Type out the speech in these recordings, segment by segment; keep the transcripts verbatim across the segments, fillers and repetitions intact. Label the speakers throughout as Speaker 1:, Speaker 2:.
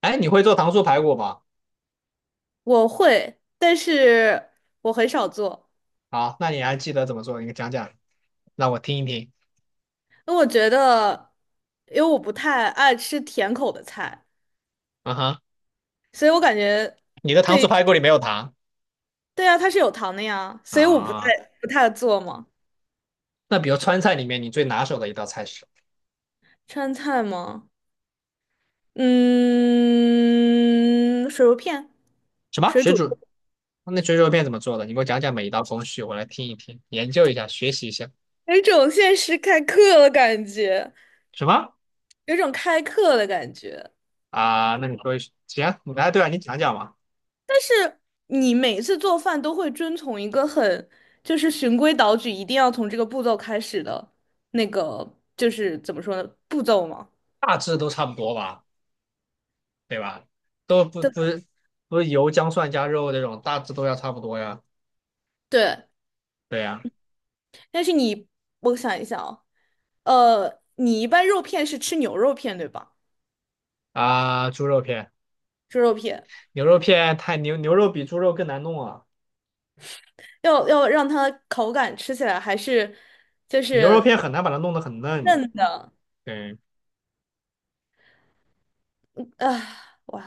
Speaker 1: 哎，你会做糖醋排骨吧？
Speaker 2: 我会，但是我很少做，
Speaker 1: 好，那你还记得怎么做？你讲讲，让我听一听。
Speaker 2: 因为我觉得，因为我不太爱吃甜口的菜，
Speaker 1: 啊哈，
Speaker 2: 所以我感觉
Speaker 1: 你的糖
Speaker 2: 对，
Speaker 1: 醋排骨里没有糖
Speaker 2: 对啊，它是有糖的呀，所以我不太
Speaker 1: 啊？
Speaker 2: 不太做嘛。
Speaker 1: 那比如川菜里面你最拿手的一道菜是
Speaker 2: 川菜吗？嗯，水肉片，
Speaker 1: 什么？
Speaker 2: 水
Speaker 1: 水
Speaker 2: 煮。
Speaker 1: 煮？那水煮肉片怎么做的？你给我讲讲每一道工序，我来听一听，研究一下，学习一下。
Speaker 2: 有一种现实开课的感觉，
Speaker 1: 什么
Speaker 2: 有一种开课的感觉。
Speaker 1: 啊？那你说一说行，哎，对啊，你讲讲嘛，
Speaker 2: 你每次做饭都会遵从一个很，就是循规蹈矩，一定要从这个步骤开始的那个，就是怎么说呢，步骤吗？
Speaker 1: 大致都差不多吧，对吧？都不
Speaker 2: 对吧
Speaker 1: 不是不是油姜蒜加肉这种，大致都要差不多呀。
Speaker 2: 对，
Speaker 1: 对呀，
Speaker 2: 但是你，我想一想啊，呃，你一般肉片是吃牛肉片对吧？
Speaker 1: 啊，猪肉片。
Speaker 2: 猪肉片
Speaker 1: 牛肉片太牛，牛肉比猪肉更难弄啊，
Speaker 2: 要要让它口感吃起来还是就
Speaker 1: 牛肉
Speaker 2: 是
Speaker 1: 片很难把它弄得很嫩。
Speaker 2: 嫩的，
Speaker 1: 对，
Speaker 2: 啊，哇，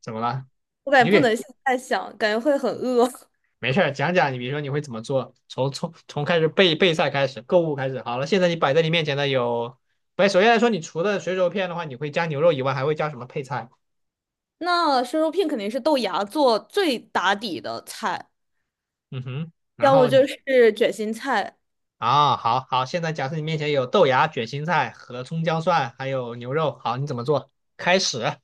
Speaker 1: 怎么了？
Speaker 2: 我感
Speaker 1: 你
Speaker 2: 觉不
Speaker 1: 给
Speaker 2: 能现在想，感觉会很饿。
Speaker 1: 没事儿讲讲，你比如说你会怎么做？从从从开始备备菜开始，购物开始。好了，现在你摆在你面前的有，不是首先来说，你除了水煮片的话，你会加牛肉以外，还会加什么配菜？
Speaker 2: 那生肉片肯定是豆芽做最打底的菜。
Speaker 1: 嗯哼，然
Speaker 2: 要么
Speaker 1: 后你
Speaker 2: 就是卷心菜。
Speaker 1: 啊，好好，现在假设你面前有豆芽、卷心菜和葱姜蒜，还有牛肉，好，你怎么做？开始，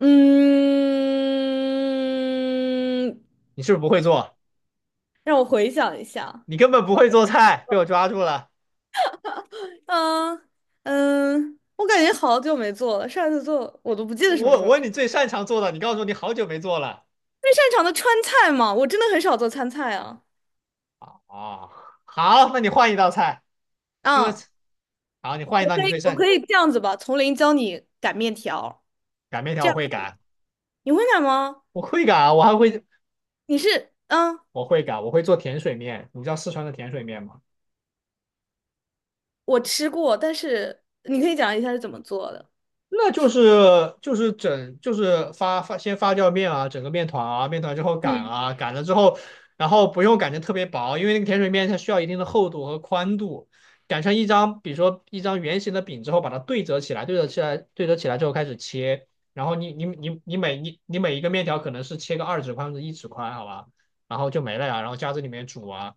Speaker 2: 嗯，
Speaker 1: 你是不是不会做？
Speaker 2: 让我回想一下。
Speaker 1: 你根本不会做菜，被我抓住了。
Speaker 2: 嗯嗯，我感觉好久没做了，上次做我都不记
Speaker 1: 我
Speaker 2: 得什么时
Speaker 1: 我
Speaker 2: 候。
Speaker 1: 问你最擅长做的，你告诉我你好久没做了
Speaker 2: 最擅长的川菜嘛，我真的很少做川菜啊。
Speaker 1: 啊。好，那你换一道菜，因为
Speaker 2: 啊，
Speaker 1: 好，你换一道你最
Speaker 2: 我可
Speaker 1: 擅
Speaker 2: 以这样子吧，从零教你擀面条，
Speaker 1: 擀面
Speaker 2: 这
Speaker 1: 条，我
Speaker 2: 样
Speaker 1: 会
Speaker 2: 可以。
Speaker 1: 擀，
Speaker 2: 你会擀吗？
Speaker 1: 我会擀啊，我还会
Speaker 2: 你是嗯，
Speaker 1: 我会擀，我会做甜水面。你知道四川的甜水面吗？
Speaker 2: 我吃过，但是你可以讲一下是怎么做的。
Speaker 1: 那就是就是整就是发发先发酵面啊，整个面团啊，面团之后擀
Speaker 2: 嗯，
Speaker 1: 啊，擀了之后，然后不用擀成特别薄，因为那个甜水面它需要一定的厚度和宽度，擀成一张，比如说一张圆形的饼之后，把它对折起来，对折起来，对折起来之后开始切，然后你你你你每你你每一个面条可能是切个二指宽或者一指宽，好吧，然后就没了呀，然后加这里面煮啊，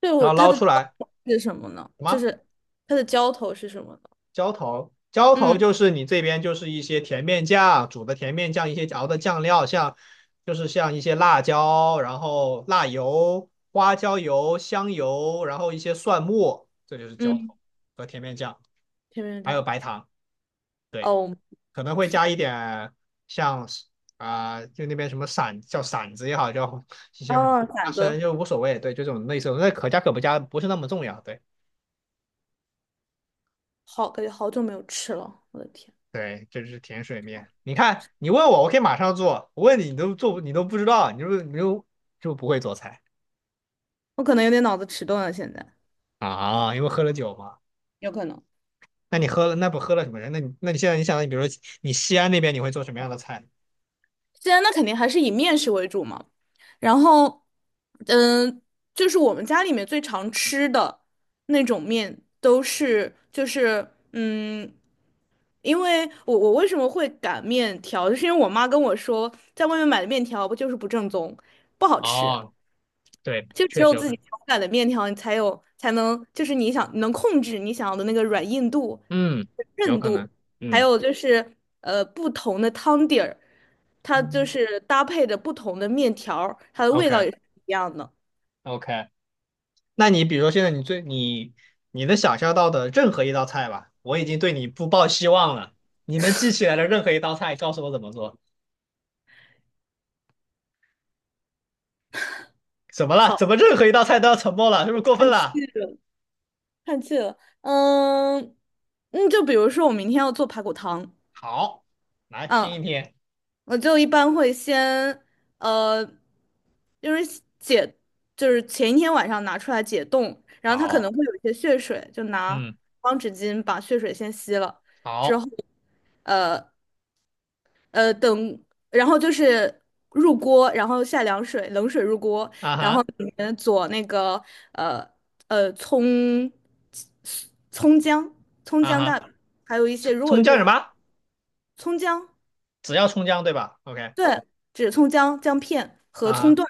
Speaker 2: 对我
Speaker 1: 然后
Speaker 2: 它
Speaker 1: 捞
Speaker 2: 的浇
Speaker 1: 出来
Speaker 2: 头是什么呢？
Speaker 1: 什
Speaker 2: 就
Speaker 1: 么？
Speaker 2: 是它的浇头是什么？
Speaker 1: 浇头，浇头
Speaker 2: 嗯
Speaker 1: 就是你这边就是一些甜面酱，煮的甜面酱，一些熬的酱料，像就是像一些辣椒，然后辣油、花椒油、香油，然后一些蒜末，这就是浇
Speaker 2: 嗯，
Speaker 1: 头和甜面酱，
Speaker 2: 甜面
Speaker 1: 还有
Speaker 2: 酱。
Speaker 1: 白糖，
Speaker 2: 哦，
Speaker 1: 可能会加
Speaker 2: 天
Speaker 1: 一点像啊、呃就那边什么散叫馓子也好，叫 一些很
Speaker 2: 啊，
Speaker 1: 花
Speaker 2: 攒
Speaker 1: 生，
Speaker 2: 个
Speaker 1: 就无所谓，对，就这种类似那可加可不加不是那么重要，对。
Speaker 2: 好，感觉好久没有吃了，我的天。
Speaker 1: 对，这是甜水面。你看，你问我，我可以马上做；我问你，你都做不你都不知道，你就你就就不会做菜
Speaker 2: 我可能有点脑子迟钝了，现在
Speaker 1: 啊？因为喝了酒嘛。
Speaker 2: 有可能。
Speaker 1: 那你喝了，那不喝了什么人那你那你现在你想，你比如说你西安那边，你会做什么样的菜？
Speaker 2: 现在那肯定还是以面食为主嘛。然后，嗯，就是我们家里面最常吃的那种面，都是就是嗯，因为我我为什么会擀面条，就是因为我妈跟我说，在外面买的面条不就是不正宗，不好吃。
Speaker 1: 哦，对，
Speaker 2: 就只
Speaker 1: 确
Speaker 2: 有
Speaker 1: 实有
Speaker 2: 自
Speaker 1: 可
Speaker 2: 己
Speaker 1: 能。
Speaker 2: 手擀的面条，你才有才能，就是你想能控制你想要的那个软硬度、
Speaker 1: 嗯，有
Speaker 2: 韧
Speaker 1: 可
Speaker 2: 度，
Speaker 1: 能。
Speaker 2: 还
Speaker 1: 嗯
Speaker 2: 有就是呃不同的汤底儿，它就是搭配着不同的面条儿它的味道
Speaker 1: ，OK，
Speaker 2: 也是不一样的。
Speaker 1: OK。那你比如说现在你最你你能想象到的任何一道菜吧，我已经对你不抱希望了。你能记起来的任何一道菜，告诉我怎么做？怎么了？怎
Speaker 2: 好，
Speaker 1: 么任何一道菜都要沉默了？是不是过分
Speaker 2: 看气
Speaker 1: 了？
Speaker 2: 了，看气了。嗯，嗯，就比如说我明天要做排骨汤。
Speaker 1: 好，来
Speaker 2: 嗯，
Speaker 1: 听一听。
Speaker 2: 我就一般会先，呃，就是解，就是前一天晚上拿出来解冻，然后它可能
Speaker 1: 好，
Speaker 2: 会有一些血水，就拿
Speaker 1: 嗯，
Speaker 2: 方纸巾把血水先吸了，之
Speaker 1: 好，
Speaker 2: 后，呃呃等，然后就是入锅，然后下凉水，冷水入锅，
Speaker 1: 啊
Speaker 2: 然后
Speaker 1: 哈，
Speaker 2: 里面佐那个呃呃葱葱姜葱
Speaker 1: 啊
Speaker 2: 姜
Speaker 1: 哈，
Speaker 2: 大，还有一些
Speaker 1: 葱
Speaker 2: 如果
Speaker 1: 葱姜什
Speaker 2: 是
Speaker 1: 么？
Speaker 2: 葱姜。
Speaker 1: 只要葱姜对吧？OK，
Speaker 2: 对，只葱姜姜片
Speaker 1: 啊
Speaker 2: 和葱
Speaker 1: 哈，
Speaker 2: 段，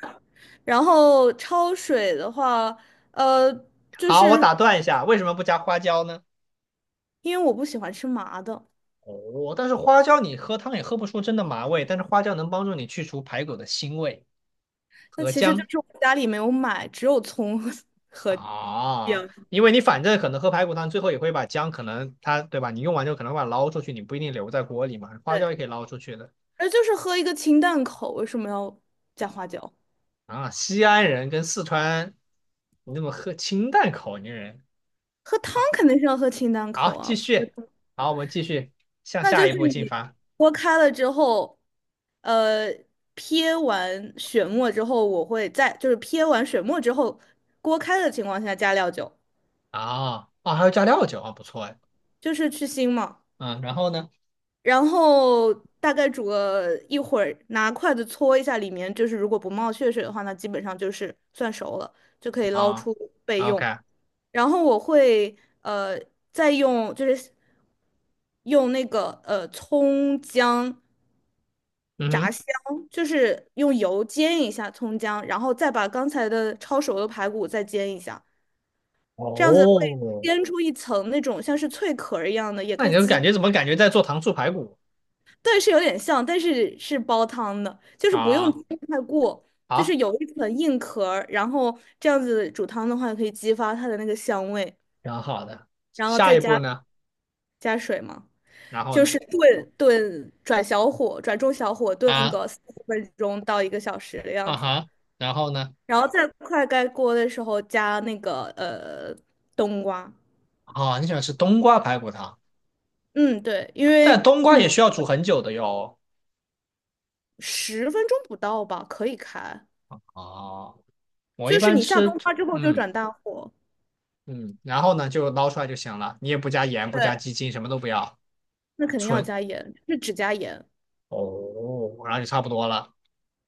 Speaker 2: 然后焯水的话，呃，就
Speaker 1: 好，我
Speaker 2: 是
Speaker 1: 打断一下，为什么不加花椒呢？
Speaker 2: 因为我不喜欢吃麻的，
Speaker 1: 哦，但是花椒你喝汤也喝不出真的麻味，但是花椒能帮助你去除排骨的腥味
Speaker 2: 那
Speaker 1: 和
Speaker 2: 其实就
Speaker 1: 姜
Speaker 2: 是我家里没有买，只有葱和
Speaker 1: 啊，
Speaker 2: 姜，
Speaker 1: 因为你反正可能喝排骨汤最后也会把姜可能它对吧？你用完之后可能把它捞出去，你不一定留在锅里嘛，花椒也
Speaker 2: 对，
Speaker 1: 可以捞出去的。
Speaker 2: 那就是喝一个清淡口，为什么要加花椒？
Speaker 1: 啊，西安人跟四川，你那么喝清淡口音人，
Speaker 2: 喝汤
Speaker 1: 好，
Speaker 2: 肯定是要喝清淡
Speaker 1: 好，
Speaker 2: 口
Speaker 1: 继
Speaker 2: 啊。喝
Speaker 1: 续，
Speaker 2: 汤
Speaker 1: 好，我们继续向
Speaker 2: 那
Speaker 1: 下
Speaker 2: 就
Speaker 1: 一
Speaker 2: 是
Speaker 1: 步进
Speaker 2: 你
Speaker 1: 发。
Speaker 2: 锅开了之后，呃，撇完血沫之后，我会在就是撇完血沫之后，锅开的情况下加料酒。
Speaker 1: 啊，啊，还要加料酒啊，不错哎。
Speaker 2: 就是去腥嘛，
Speaker 1: 嗯，然后呢？
Speaker 2: 然后大概煮个一会儿，拿筷子搓一下里面，就是如果不冒血水的话，那基本上就是算熟了，就可以捞
Speaker 1: 啊
Speaker 2: 出备用。
Speaker 1: ，OK，
Speaker 2: 然后我会，呃再用就是用那个呃葱姜
Speaker 1: 嗯
Speaker 2: 炸
Speaker 1: 哼，
Speaker 2: 香，就是用油煎一下葱姜，然后再把刚才的焯熟的排骨再煎一下，这样子会
Speaker 1: 哦，
Speaker 2: 煎出一层那种像是脆壳儿一样的，也
Speaker 1: 那
Speaker 2: 可
Speaker 1: 你
Speaker 2: 以
Speaker 1: 这
Speaker 2: 激
Speaker 1: 感觉怎么感觉在做糖醋排骨
Speaker 2: 对，是有点像，但是是煲汤的，就是不用
Speaker 1: 啊？
Speaker 2: 煎太过，就
Speaker 1: 好，
Speaker 2: 是有一层硬壳儿，然后这样子煮汤的话，可以激发它的那个香味，
Speaker 1: 挺好的。
Speaker 2: 然后
Speaker 1: 下
Speaker 2: 再
Speaker 1: 一步
Speaker 2: 加
Speaker 1: 呢？
Speaker 2: 加水嘛，
Speaker 1: 然后
Speaker 2: 就
Speaker 1: 呢？
Speaker 2: 是炖炖，转小火，转中小火炖
Speaker 1: 啊，
Speaker 2: 个四十分钟到一个小时的样
Speaker 1: 啊
Speaker 2: 子，
Speaker 1: 哈，然后呢？
Speaker 2: 然后再快盖锅的时候加那个呃冬瓜，
Speaker 1: 啊，你喜欢吃冬瓜排骨汤，
Speaker 2: 嗯，对，因为
Speaker 1: 但冬
Speaker 2: 玉
Speaker 1: 瓜也
Speaker 2: 米
Speaker 1: 需要煮很久的哟。
Speaker 2: 十分钟不到吧，可以开，
Speaker 1: 哦。我一
Speaker 2: 就是
Speaker 1: 般
Speaker 2: 你下
Speaker 1: 吃，
Speaker 2: 冬瓜之后就
Speaker 1: 嗯
Speaker 2: 转大火。
Speaker 1: 嗯，然后呢就捞出来就行了，你也不加盐，不加
Speaker 2: 对。
Speaker 1: 鸡精，什么都不要，
Speaker 2: 那肯定要
Speaker 1: 纯
Speaker 2: 加盐，是只加盐，
Speaker 1: 哦，然后就差不多了。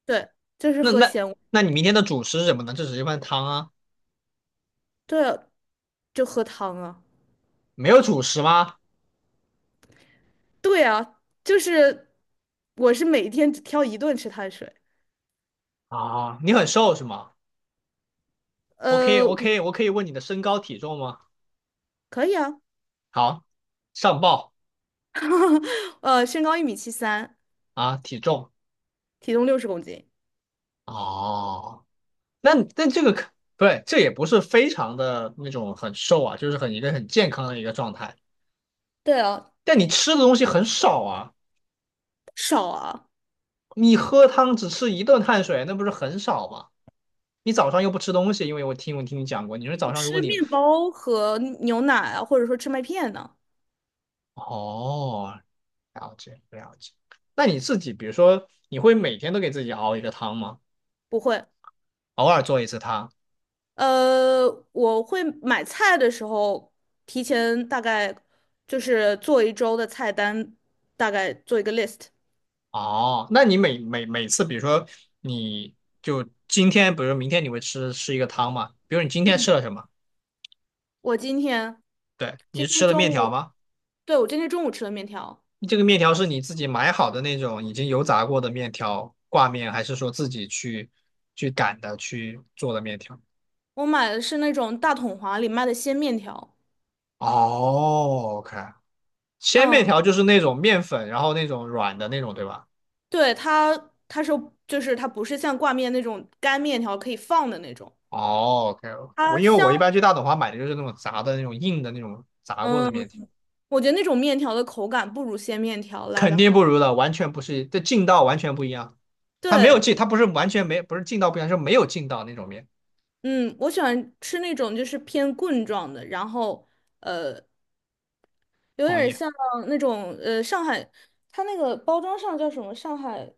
Speaker 2: 对，就是
Speaker 1: 那
Speaker 2: 喝
Speaker 1: 那
Speaker 2: 咸，
Speaker 1: 那你明天的主食是什么呢？这只是一份汤啊，
Speaker 2: 对啊，就喝汤啊。
Speaker 1: 没有主食吗？
Speaker 2: 对啊，就是我是每天只挑一顿吃碳水。
Speaker 1: 啊，你很瘦是吗？我可以
Speaker 2: 呃，
Speaker 1: 我可以我可以问你的身高体重吗？
Speaker 2: 可以啊。
Speaker 1: 好，上报
Speaker 2: 呃，身高一米七三，
Speaker 1: 啊，体重
Speaker 2: 体重六十公斤，
Speaker 1: 哦，那那这个可对，这也不是非常的那种很瘦啊，就是很一个很健康的一个状态，
Speaker 2: 对啊，
Speaker 1: 但你吃的东西很少啊。
Speaker 2: 少啊，
Speaker 1: 你喝汤只吃一顿碳水，那不是很少吗？你早上又不吃东西，因为我听我听你讲过，你说早上如果
Speaker 2: 吃
Speaker 1: 你
Speaker 2: 面包和牛奶啊，或者说吃麦片呢，
Speaker 1: 哦，了解了解，那你自己比如说你会每天都给自己熬一个汤吗？
Speaker 2: 不会。
Speaker 1: 偶尔做一次汤？
Speaker 2: 呃，我会买菜的时候，提前大概就是做一周的菜单，大概做一个 list。
Speaker 1: 哦，那你每每每次比如说你就今天，比如说明天你会吃吃一个汤吗？比如你今天吃了什么？
Speaker 2: 我今天
Speaker 1: 对，你
Speaker 2: 今
Speaker 1: 是
Speaker 2: 天
Speaker 1: 吃了
Speaker 2: 中
Speaker 1: 面条
Speaker 2: 午，
Speaker 1: 吗？
Speaker 2: 对，我今天中午吃了面条，
Speaker 1: 这个面条是你自己买好的那种已经油炸过的面条挂面，还是说自己去去擀的去做的面条？
Speaker 2: 我买的是那种大统华里卖的鲜面条。
Speaker 1: 哦，OK，鲜面
Speaker 2: 嗯，
Speaker 1: 条就是那种面粉，然后那种软的那种，对吧？
Speaker 2: 对，它它是就是它不是像挂面那种干面条可以放的那种，
Speaker 1: 哦，OK，我
Speaker 2: 它
Speaker 1: 因为我
Speaker 2: 香。
Speaker 1: 一般去大董华买的就是那种炸的那种硬的那种炸过的
Speaker 2: 嗯，
Speaker 1: 面条，
Speaker 2: 我觉得那种面条的口感不如鲜面条来
Speaker 1: 肯
Speaker 2: 的
Speaker 1: 定
Speaker 2: 好。
Speaker 1: 不如的，完全不是，这劲道完全不一样。它没有
Speaker 2: 对，
Speaker 1: 劲，它不是完全没，不是劲道不一样，是没有劲道那种面。
Speaker 2: 嗯，我喜欢吃那种就是偏棍状的，然后，呃，有
Speaker 1: 同
Speaker 2: 点
Speaker 1: 意
Speaker 2: 像那种，呃上海，它那个包装上叫什么？上海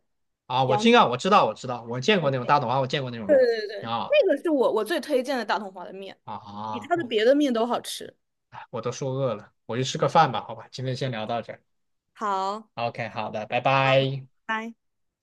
Speaker 1: 啊，我
Speaker 2: 洋
Speaker 1: 劲
Speaker 2: 春，
Speaker 1: 量，我知道我知道，我见过那种大董华，我见过那种
Speaker 2: 对
Speaker 1: 面条，
Speaker 2: 对
Speaker 1: 挺
Speaker 2: 对，
Speaker 1: 好
Speaker 2: 那
Speaker 1: 的
Speaker 2: 个是我我最推荐的大同华的面，比
Speaker 1: 啊
Speaker 2: 它的别
Speaker 1: ，OK，
Speaker 2: 的面都好吃。
Speaker 1: 我都说饿了，我去吃个饭吧，好吧，今天先聊到这儿。
Speaker 2: 好，
Speaker 1: OK，好的，拜拜。
Speaker 2: 拜。